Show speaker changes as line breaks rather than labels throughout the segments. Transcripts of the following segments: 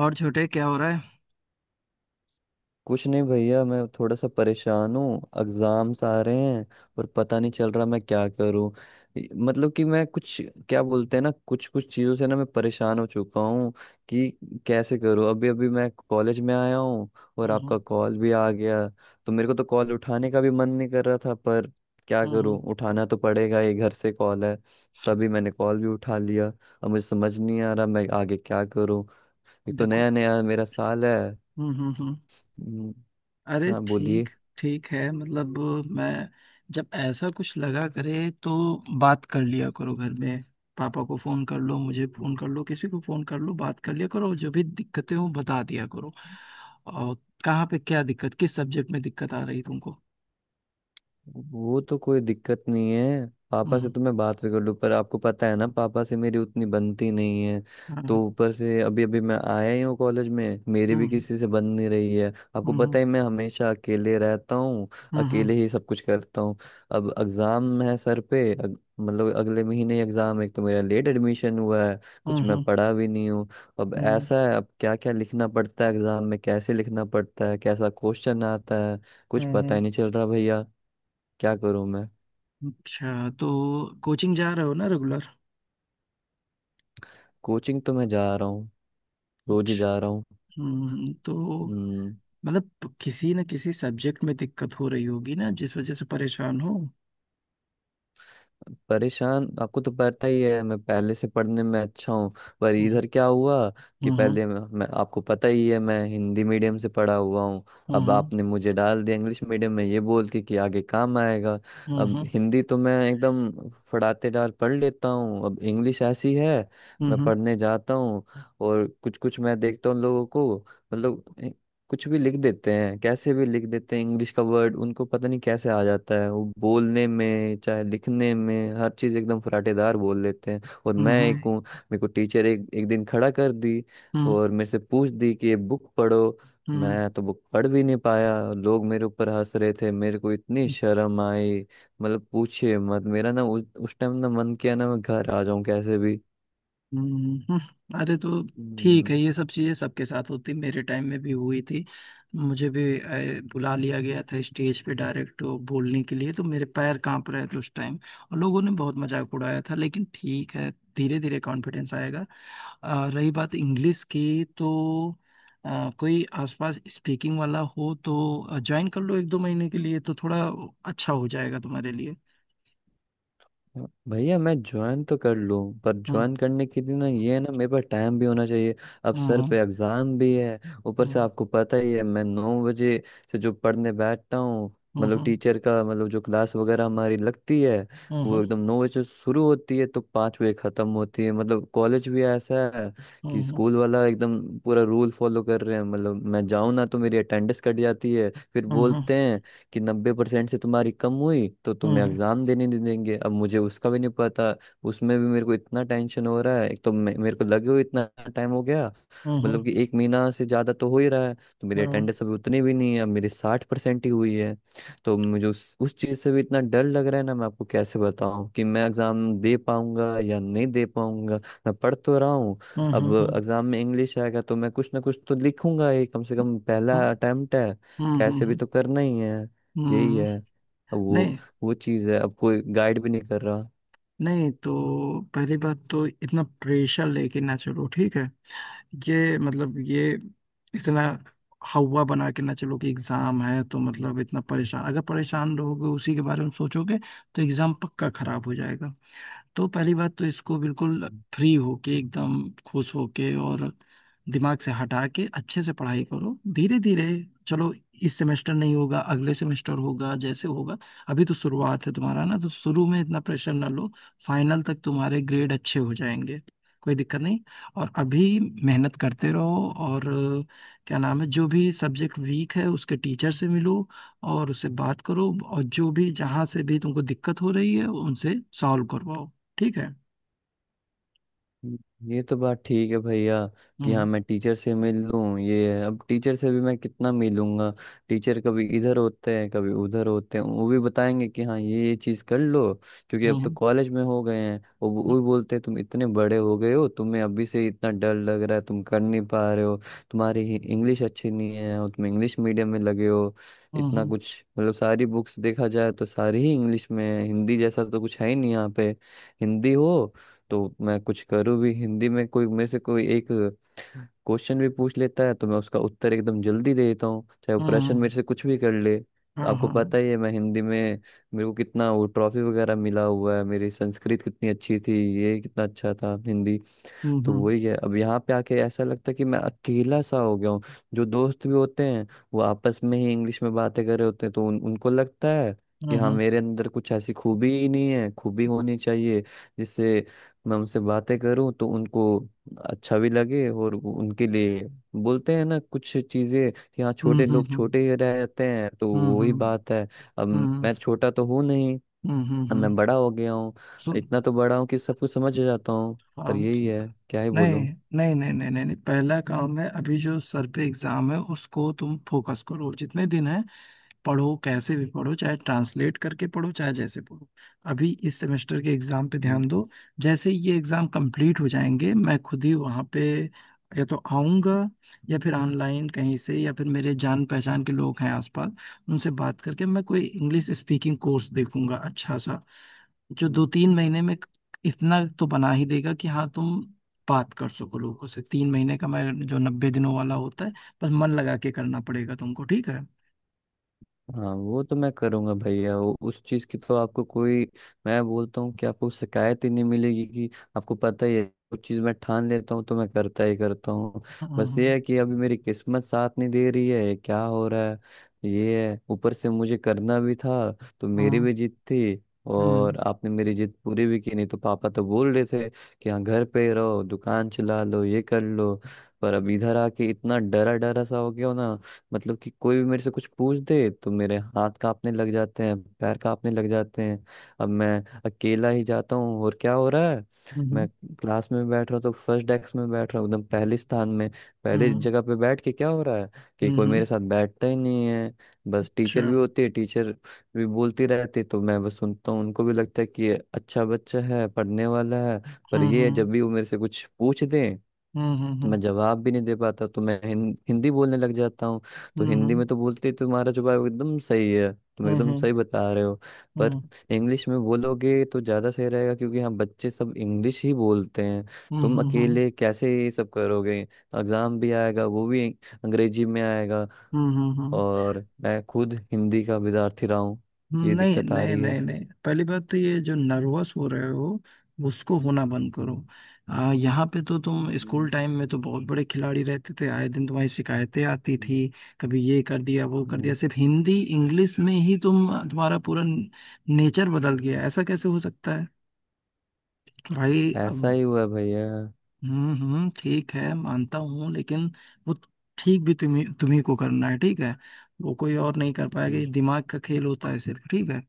और छोटे, क्या हो रहा है?
कुछ नहीं भैया, मैं थोड़ा सा परेशान हूँ। एग्जाम्स आ रहे हैं और पता नहीं चल रहा मैं क्या करूँ। मतलब कि मैं कुछ, क्या बोलते हैं ना, कुछ कुछ चीज़ों से ना मैं परेशान हो चुका हूँ कि कैसे करूँ। अभी अभी मैं कॉलेज में आया हूँ और
हम्म। हम्म।
आपका कॉल भी आ गया। तो मेरे को तो कॉल उठाने का भी मन नहीं कर रहा था, पर क्या
हम्म।
करूँ,
हम्म।
उठाना तो पड़ेगा, ये घर से कॉल है। तभी मैंने कॉल भी उठा लिया। अब मुझे समझ नहीं आ रहा मैं आगे क्या करूँ। ये तो
देखो।
नया नया मेरा साल है।
हम्म। हम्म। हम्म।
हम्म,
अरे,
हाँ बोलिए।
ठीक। ठीक है, मतलब मैं, जब ऐसा कुछ लगा करे तो बात कर लिया करो घर में। पापा को फोन कर लो, मुझे फोन कर लो, किसी को फोन कर लो, बात कर लिया करो। जो भी दिक्कतें हो बता दिया करो। और कहाँ पे क्या दिक्कत, किस सब्जेक्ट में दिक्कत आ रही तुमको?
वो तो कोई दिक्कत नहीं है, पापा से
हम्म।
तो मैं बात भी कर लूँ, पर आपको पता है ना, पापा से मेरी उतनी बनती नहीं है। तो
हम्म।
ऊपर से अभी अभी मैं आया ही हूँ कॉलेज में, मेरी भी
हम्म।
किसी से बन नहीं रही है। आपको
हम्म।
पता है मैं हमेशा अकेले रहता हूँ,
हम्म। हम्म।
अकेले ही सब कुछ करता हूँ। अब एग्ज़ाम है सर पे, मतलब अगले महीने एग्ज़ाम। एक तो मेरा लेट एडमिशन हुआ है। कुछ मैं
हम्म।
पढ़ा भी नहीं हूँ। अब
हम्म।
ऐसा है, अब क्या क्या लिखना पड़ता है एग्ज़ाम में, कैसे लिखना पड़ता है, कैसा क्वेश्चन आता है, कुछ
हम्म।
पता
हम्म।
ही नहीं चल रहा भैया। क्या करूं मैं।
अच्छा, तो कोचिंग जा रहे हो ना रेगुलर?
कोचिंग तो मैं जा रहा हूँ, रोज ही जा रहा हूँ।
तो
हम्म।
मतलब किसी न किसी सब्जेक्ट में दिक्कत हो रही होगी ना, जिस वजह से परेशान हो।
परेशान, आपको तो पता ही है मैं पहले से पढ़ने में अच्छा हूँ। पर
हम्म।
इधर क्या हुआ कि
हम्म।
पहले मैं आपको पता ही है मैं हिंदी मीडियम से पढ़ा हुआ हूँ। अब
हम्म।
आपने मुझे डाल दिया इंग्लिश मीडियम में ये बोल के कि आगे काम आएगा।
हम्म।
अब
हम्म।
हिंदी तो मैं एकदम फड़ातेदार पढ़ लेता हूँ। अब इंग्लिश ऐसी है, मैं पढ़ने जाता हूँ और कुछ कुछ मैं देखता हूँ लोगों को, मतलब कुछ भी लिख देते हैं, कैसे भी लिख देते हैं। इंग्लिश का वर्ड उनको पता नहीं कैसे आ जाता है, वो बोलने में चाहे लिखने में, हर चीज़ एकदम फराटेदार बोल लेते हैं। और मैं
हम्म।
एक हूँ। मेरे को टीचर एक एक दिन खड़ा कर दी
हम्म।
और मेरे से पूछ दी कि ये बुक पढ़ो। मैं तो बुक पढ़ भी नहीं पाया, लोग मेरे ऊपर हंस रहे थे, मेरे को इतनी शर्म आई। मतलब पूछे मत, मेरा ना उस टाइम ना मन किया ना मैं घर आ जाऊं कैसे
हम्म। हम्म। अरे तो ठीक
भी।
है, ये सब चीज़ें सबके साथ होती, मेरे टाइम में भी हुई थी। मुझे भी बुला लिया गया था स्टेज पे डायरेक्ट बोलने के लिए, तो मेरे पैर कांप रहे थे उस टाइम। और लोगों ने बहुत मजाक उड़ाया था, लेकिन ठीक है। धीरे धीरे कॉन्फिडेंस आएगा। रही बात इंग्लिश की, तो कोई आसपास स्पीकिंग वाला हो तो ज्वाइन कर लो एक दो महीने के लिए, तो थोड़ा अच्छा हो जाएगा तुम्हारे लिए।
हाँ भैया, मैं ज्वाइन तो कर लूँ, पर
हम्म।
ज्वाइन करने के लिए ना ये है ना, मेरे पास टाइम भी होना चाहिए। अब सर
हम्म।
पे एग्ज़ाम भी है। ऊपर से
हम्म।
आपको पता ही है मैं 9 बजे से जो पढ़ने बैठता हूँ, मतलब
हम्म।
टीचर का मतलब जो क्लास वगैरह हमारी लगती है वो
हम्म।
एकदम 9 बजे से शुरू होती है तो 5 बजे ख़त्म होती है। मतलब कॉलेज भी ऐसा है कि
हम्म।
स्कूल वाला एकदम पूरा रूल फॉलो कर रहे हैं। मतलब मैं जाऊँ ना तो मेरी अटेंडेंस कट जाती है। फिर
हम्म।
बोलते हैं कि 90% से तुम्हारी कम हुई तो तुम्हें
हम्म।
एग्जाम देने नहीं देंगे। अब मुझे उसका भी नहीं पता। उसमें भी मेरे को इतना टेंशन हो रहा है। एक तो मेरे को लगे हुए इतना टाइम हो गया, मतलब कि एक महीना से ज्यादा तो हो ही रहा है। तो मेरी
हम्म।
अटेंडेंस अभी उतनी भी नहीं है, अब मेरी 60% ही हुई है। तो मुझे उस चीज से भी इतना डर लग रहा है ना। मैं आपको कैसे बताऊं कि मैं एग्जाम दे पाऊंगा या नहीं दे पाऊंगा। मैं पढ़ तो रहा हूँ। अब
हम्म।
एग्जाम में इंग्लिश आएगा तो मैं कुछ ना कुछ तो लिखूंगा ही। कम से कम पहला अटेम्प्ट है, कैसे भी
हम्म।
तो करना ही है। यही
हम्म।
है, अब वो
नहीं।
वो चीज़ है, अब कोई गाइड भी नहीं कर रहा।
नहीं तो पहली बात, तो इतना प्रेशर लेके ना चलो, ठीक है। ये मतलब, ये इतना हवा बना के ना चलो कि एग्जाम है, तो
हम्म।
मतलब इतना परेशान, अगर परेशान रहोगे, उसी के बारे में सोचोगे तो एग्जाम पक्का खराब हो जाएगा। तो पहली बात तो इसको बिल्कुल
हम्म।
फ्री होके, एकदम खुश होके, और दिमाग से हटा के अच्छे से पढ़ाई करो धीरे धीरे। चलो, इस सेमेस्टर नहीं होगा, अगले सेमेस्टर होगा, जैसे होगा। अभी तो शुरुआत है तुम्हारा ना, तो शुरू में इतना प्रेशर ना लो। फाइनल तक तुम्हारे ग्रेड अच्छे हो जाएंगे। कोई दिक्कत नहीं। और अभी मेहनत करते रहो और क्या नाम है, जो भी सब्जेक्ट वीक है उसके टीचर से मिलो। और उससे बात करो, और जो भी, जहाँ से भी तुमको दिक्कत हो रही है उनसे सॉल्व करवाओ। ठीक है।
ये तो बात ठीक है भैया कि हाँ
हम्म।
मैं टीचर से मिल लूं। ये है, अब टीचर से भी मैं कितना मिलूंगा। टीचर कभी इधर होते हैं कभी उधर होते हैं। वो भी बताएंगे कि हाँ ये चीज़ कर लो। क्योंकि अब तो
हम्म।
कॉलेज में हो गए हैं। वो भी बोलते हैं तुम इतने बड़े हो गए हो, तुम्हें अभी से इतना डर लग रहा है, तुम कर नहीं पा रहे हो। तुम्हारी ही इंग्लिश अच्छी नहीं है और तुम इंग्लिश मीडियम में लगे हो।
हम्म।
इतना
हम्म।
कुछ, मतलब सारी बुक्स देखा जाए तो सारी ही इंग्लिश में है, हिंदी जैसा तो कुछ है ही नहीं यहाँ पे। हिंदी हो तो मैं कुछ करूँ भी। हिंदी में कोई मेरे से कोई एक क्वेश्चन भी पूछ लेता है तो मैं उसका उत्तर एकदम जल्दी दे देता हूँ, चाहे वो
हम्म।
प्रश्न
हम्म।
मेरे से कुछ भी कर ले।
हाँ
आपको
हाँ।
पता ही है मैं हिंदी में, मेरे को कितना वो ट्रॉफी वगैरह मिला हुआ है। मेरी संस्कृत कितनी अच्छी थी, ये कितना अच्छा था हिंदी।
हम्म।
तो
हम्म।
वही है। अब यहाँ पे आके ऐसा लगता है कि मैं अकेला सा हो गया हूँ। जो दोस्त भी होते हैं वो आपस में ही इंग्लिश में बातें कर रहे होते हैं, तो उनको लगता है कि
हाँ,
हाँ
हाँ।
मेरे अंदर कुछ ऐसी खूबी ही नहीं है, खूबी होनी चाहिए जिससे मैं उनसे बातें करूँ तो उनको अच्छा भी लगे। और वो उनके लिए बोलते हैं ना कुछ चीजें कि हाँ
हम्म।
छोटे
हम्म।
लोग
हम्म।
छोटे ही रहते हैं, तो वही
हम्म।
बात है। अब
हम्म।
मैं छोटा तो हूँ नहीं,
हम्म। हम्म।
अब मैं
हम्म।
बड़ा हो गया हूँ।
सुन।
इतना तो बड़ा हूँ कि सब कुछ समझ जाता हूँ।
हाँ,
पर यही
सुन।
है, क्या ही
नहीं
बोलूँ।
नहीं नहीं नहीं नहीं नहीं, पहला काम है अभी जो सर पे एग्जाम है उसको तुम फोकस करो, जितने दिन है पढ़ो, कैसे भी पढ़ो, चाहे ट्रांसलेट करके पढ़ो, चाहे जैसे पढ़ो। अभी इस सेमेस्टर के एग्जाम पे ध्यान दो। जैसे ही ये एग्जाम कंप्लीट हो जाएंगे, मैं खुद ही वहाँ पे या तो आऊँगा, या फिर ऑनलाइन कहीं से, या फिर मेरे जान पहचान के लोग हैं आसपास, उनसे बात करके मैं कोई इंग्लिश स्पीकिंग कोर्स देखूंगा अच्छा सा, जो दो तीन महीने में इतना तो बना ही देगा कि हाँ, तुम बात कर सको लोगों से। 3 महीने का, मैं जो 90 दिनों वाला होता है। बस मन लगा के करना पड़ेगा तुमको, ठीक है।
हाँ वो तो मैं करूँगा भैया, वो उस चीज़ की तो आपको कोई, मैं बोलता हूँ कि आपको शिकायत ही नहीं मिलेगी। कि आपको पता ही है कुछ चीज़ मैं ठान लेता हूँ तो मैं करता ही करता हूँ। बस ये
हाँ
है कि अभी मेरी किस्मत साथ नहीं दे रही है, ये क्या हो रहा है। ये है, ऊपर से मुझे करना भी था तो मेरी
हाँ।
भी जिद थी। और
हम्म।
आपने मेरी जिद पूरी भी की, नहीं तो पापा तो बोल रहे थे कि हाँ घर पे रहो, दुकान चला लो, ये कर लो। पर अब इधर आके इतना डरा डरा सा हो गया हो ना, मतलब कि कोई भी मेरे से कुछ पूछ दे तो मेरे हाथ कांपने लग जाते हैं, पैर कांपने लग जाते हैं। अब मैं अकेला ही जाता हूँ और क्या हो रहा है,
हम्म।
मैं क्लास में बैठ रहा हूँ तो फर्स्ट डेस्क में बैठ रहा हूँ, एकदम पहले स्थान में, पहले
हम्म।
जगह पे बैठ के क्या हो रहा है कि कोई
हम्म।
मेरे साथ बैठता ही नहीं है। बस टीचर
अच्छा।
भी होती है, टीचर भी बोलती रहती है, तो मैं बस सुनता हूँ। उनको भी लगता है कि ये अच्छा बच्चा है, पढ़ने वाला है। पर
हम्म।
ये
हम्म।
जब भी वो मेरे से कुछ पूछ दें
हम्म।
तो
हम्म।
मैं जवाब भी नहीं दे पाता, तो मैं हिंदी बोलने लग जाता हूँ। तो हिंदी में तो बोलते ही, तुम्हारा जवाब एकदम सही है, तुम एकदम
हम्म।
सही बता रहे हो, पर
हम्म।
इंग्लिश में बोलोगे तो ज़्यादा सही रहेगा, क्योंकि यहाँ बच्चे सब इंग्लिश ही बोलते हैं। तुम
हम्म।
अकेले कैसे ये सब करोगे, एग्ज़ाम भी आएगा, वो भी अंग्रेजी में आएगा,
हम्म।
और मैं खुद हिंदी का विद्यार्थी रहा हूँ, ये
नहीं
दिक्कत आ
नहीं
रही
नहीं
है।
नहीं, पहली बात तो ये जो नर्वस हो रहे हो, उसको होना बंद करो। यहाँ पे तो तुम स्कूल
हम्म।
टाइम में तो बहुत बड़े खिलाड़ी रहते थे, आए दिन तुम्हारी शिकायतें आती
हम्म।
थी। कभी ये कर दिया, वो
हम्म।
कर
हम्म।
दिया। सिर्फ हिंदी इंग्लिश में ही तुम्हारा पूरा नेचर बदल गया, ऐसा कैसे हो सकता है भाई? अब
ऐसा ही हुआ भैया।
हम्म, ठीक है, मानता हूँ, लेकिन वो ठीक भी तुम्हें, तुम्ही को करना है, ठीक है। वो कोई और नहीं कर पाएगा,
हम्म।
ये दिमाग का खेल होता है सिर्फ, ठीक है।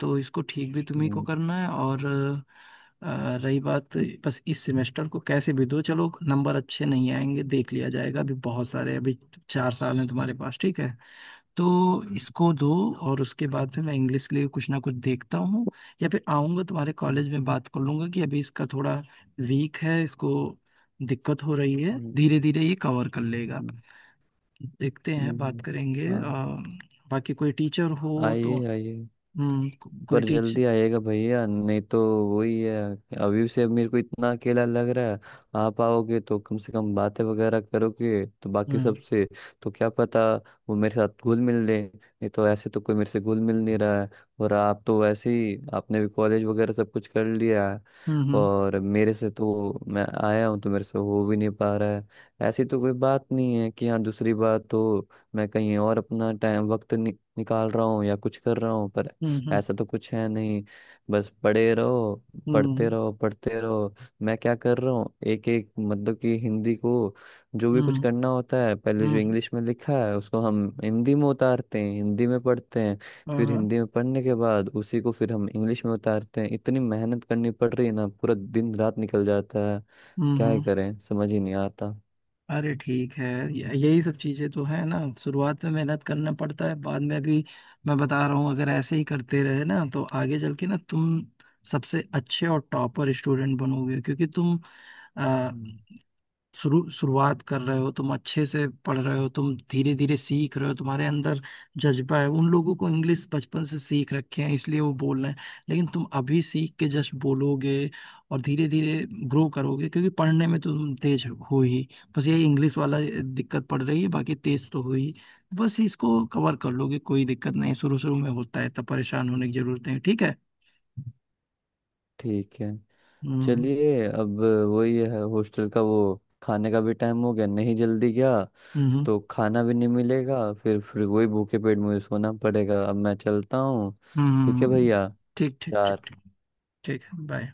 तो इसको ठीक भी तुम्ही को
हम्म।
करना है। और रही बात, बस इस सेमेस्टर को कैसे भी दो, चलो नंबर अच्छे नहीं आएंगे देख लिया जाएगा। अभी बहुत सारे, अभी 4 साल हैं तुम्हारे पास, ठीक है। तो इसको दो, और उसके बाद में मैं इंग्लिश के लिए कुछ ना कुछ देखता हूँ। या फिर आऊंगा तुम्हारे
हम्म।
कॉलेज में बात कर लूंगा कि अभी इसका थोड़ा वीक है, इसको दिक्कत हो रही है, धीरे धीरे ये कवर कर लेगा।
हम्म।
देखते हैं, बात
हम्म।
करेंगे।
हाँ,
बाकी कोई टीचर हो
आइए
तो।
आइए।
कोई
पर
टीचर।
जल्दी आइएगा भैया, नहीं तो वही है, अभी से मेरे को इतना अकेला लग रहा है। आप आओगे तो कम से कम बातें वगैरह करोगे तो बाकी
हम्म।
सबसे, तो क्या पता वो मेरे साथ घुल मिल ले। नहीं तो ऐसे तो कोई मेरे से घुल मिल नहीं रहा है। और आप तो वैसे ही आपने भी कॉलेज वगैरह सब कुछ कर लिया है।
हम्म।
और मेरे से तो, मैं आया हूँ तो मेरे से हो भी नहीं पा रहा है। ऐसी तो कोई बात नहीं है कि हाँ दूसरी बात तो, मैं कहीं और अपना टाइम वक्त निकाल रहा हूँ या कुछ कर रहा हूँ। पर
हम्म। हम्म।
ऐसा तो कुछ है नहीं, बस पढ़े रहो, पढ़ते
हम्म।
रहो, पढ़ते रहो। मैं क्या कर रहा हूँ, एक एक, मतलब कि हिंदी को जो भी कुछ
हम्म।
करना होता है, पहले जो
हम्म
इंग्लिश में लिखा है उसको हम हिंदी में उतारते हैं, हिंदी में पढ़ते हैं।
हाँ,
फिर
हाँ।
हिंदी में पढ़ने के बाद उसी को फिर हम इंग्लिश में उतारते हैं। इतनी मेहनत करनी पड़ रही है ना, पूरा दिन रात निकल जाता है।
हम्म।
क्या ही
हम्म।
करें, समझ ही नहीं आता।
अरे ठीक है, यही सब चीजें तो है ना, शुरुआत में मेहनत करना पड़ता है, बाद में भी। मैं बता रहा हूँ, अगर ऐसे ही करते रहे ना तो आगे चल के ना तुम सबसे अच्छे और टॉपर स्टूडेंट बनोगे, क्योंकि तुम
हम्म।
शुरू शुरुआत कर रहे हो, तुम अच्छे से पढ़ रहे हो, तुम धीरे धीरे सीख रहे हो, तुम्हारे अंदर जज्बा है। उन लोगों को इंग्लिश बचपन से सीख रखे हैं इसलिए वो बोल रहे हैं, लेकिन तुम अभी सीख के जस्ट बोलोगे और धीरे धीरे ग्रो करोगे, क्योंकि पढ़ने में तुम तेज हो ही। बस यही इंग्लिश वाला दिक्कत पड़ रही है, बाकी तेज तो हो ही। बस इसको कवर कर लोगे, कोई दिक्कत नहीं। शुरू शुरू में होता है, तब परेशान होने की जरूरत नहीं, ठीक है।
ठीक है,
हम्म।
चलिए अब। वही है हॉस्टल का वो खाने का भी टाइम हो गया, नहीं जल्दी गया
हम्म।
तो खाना भी नहीं मिलेगा, फिर वही भूखे पेट मुझे सोना पड़ेगा। अब मैं चलता हूँ,
हम्म।
ठीक है
हम्म,
भैया,
ठीक ठीक ठीक ठीक।
यार।
ठीक है, बाय।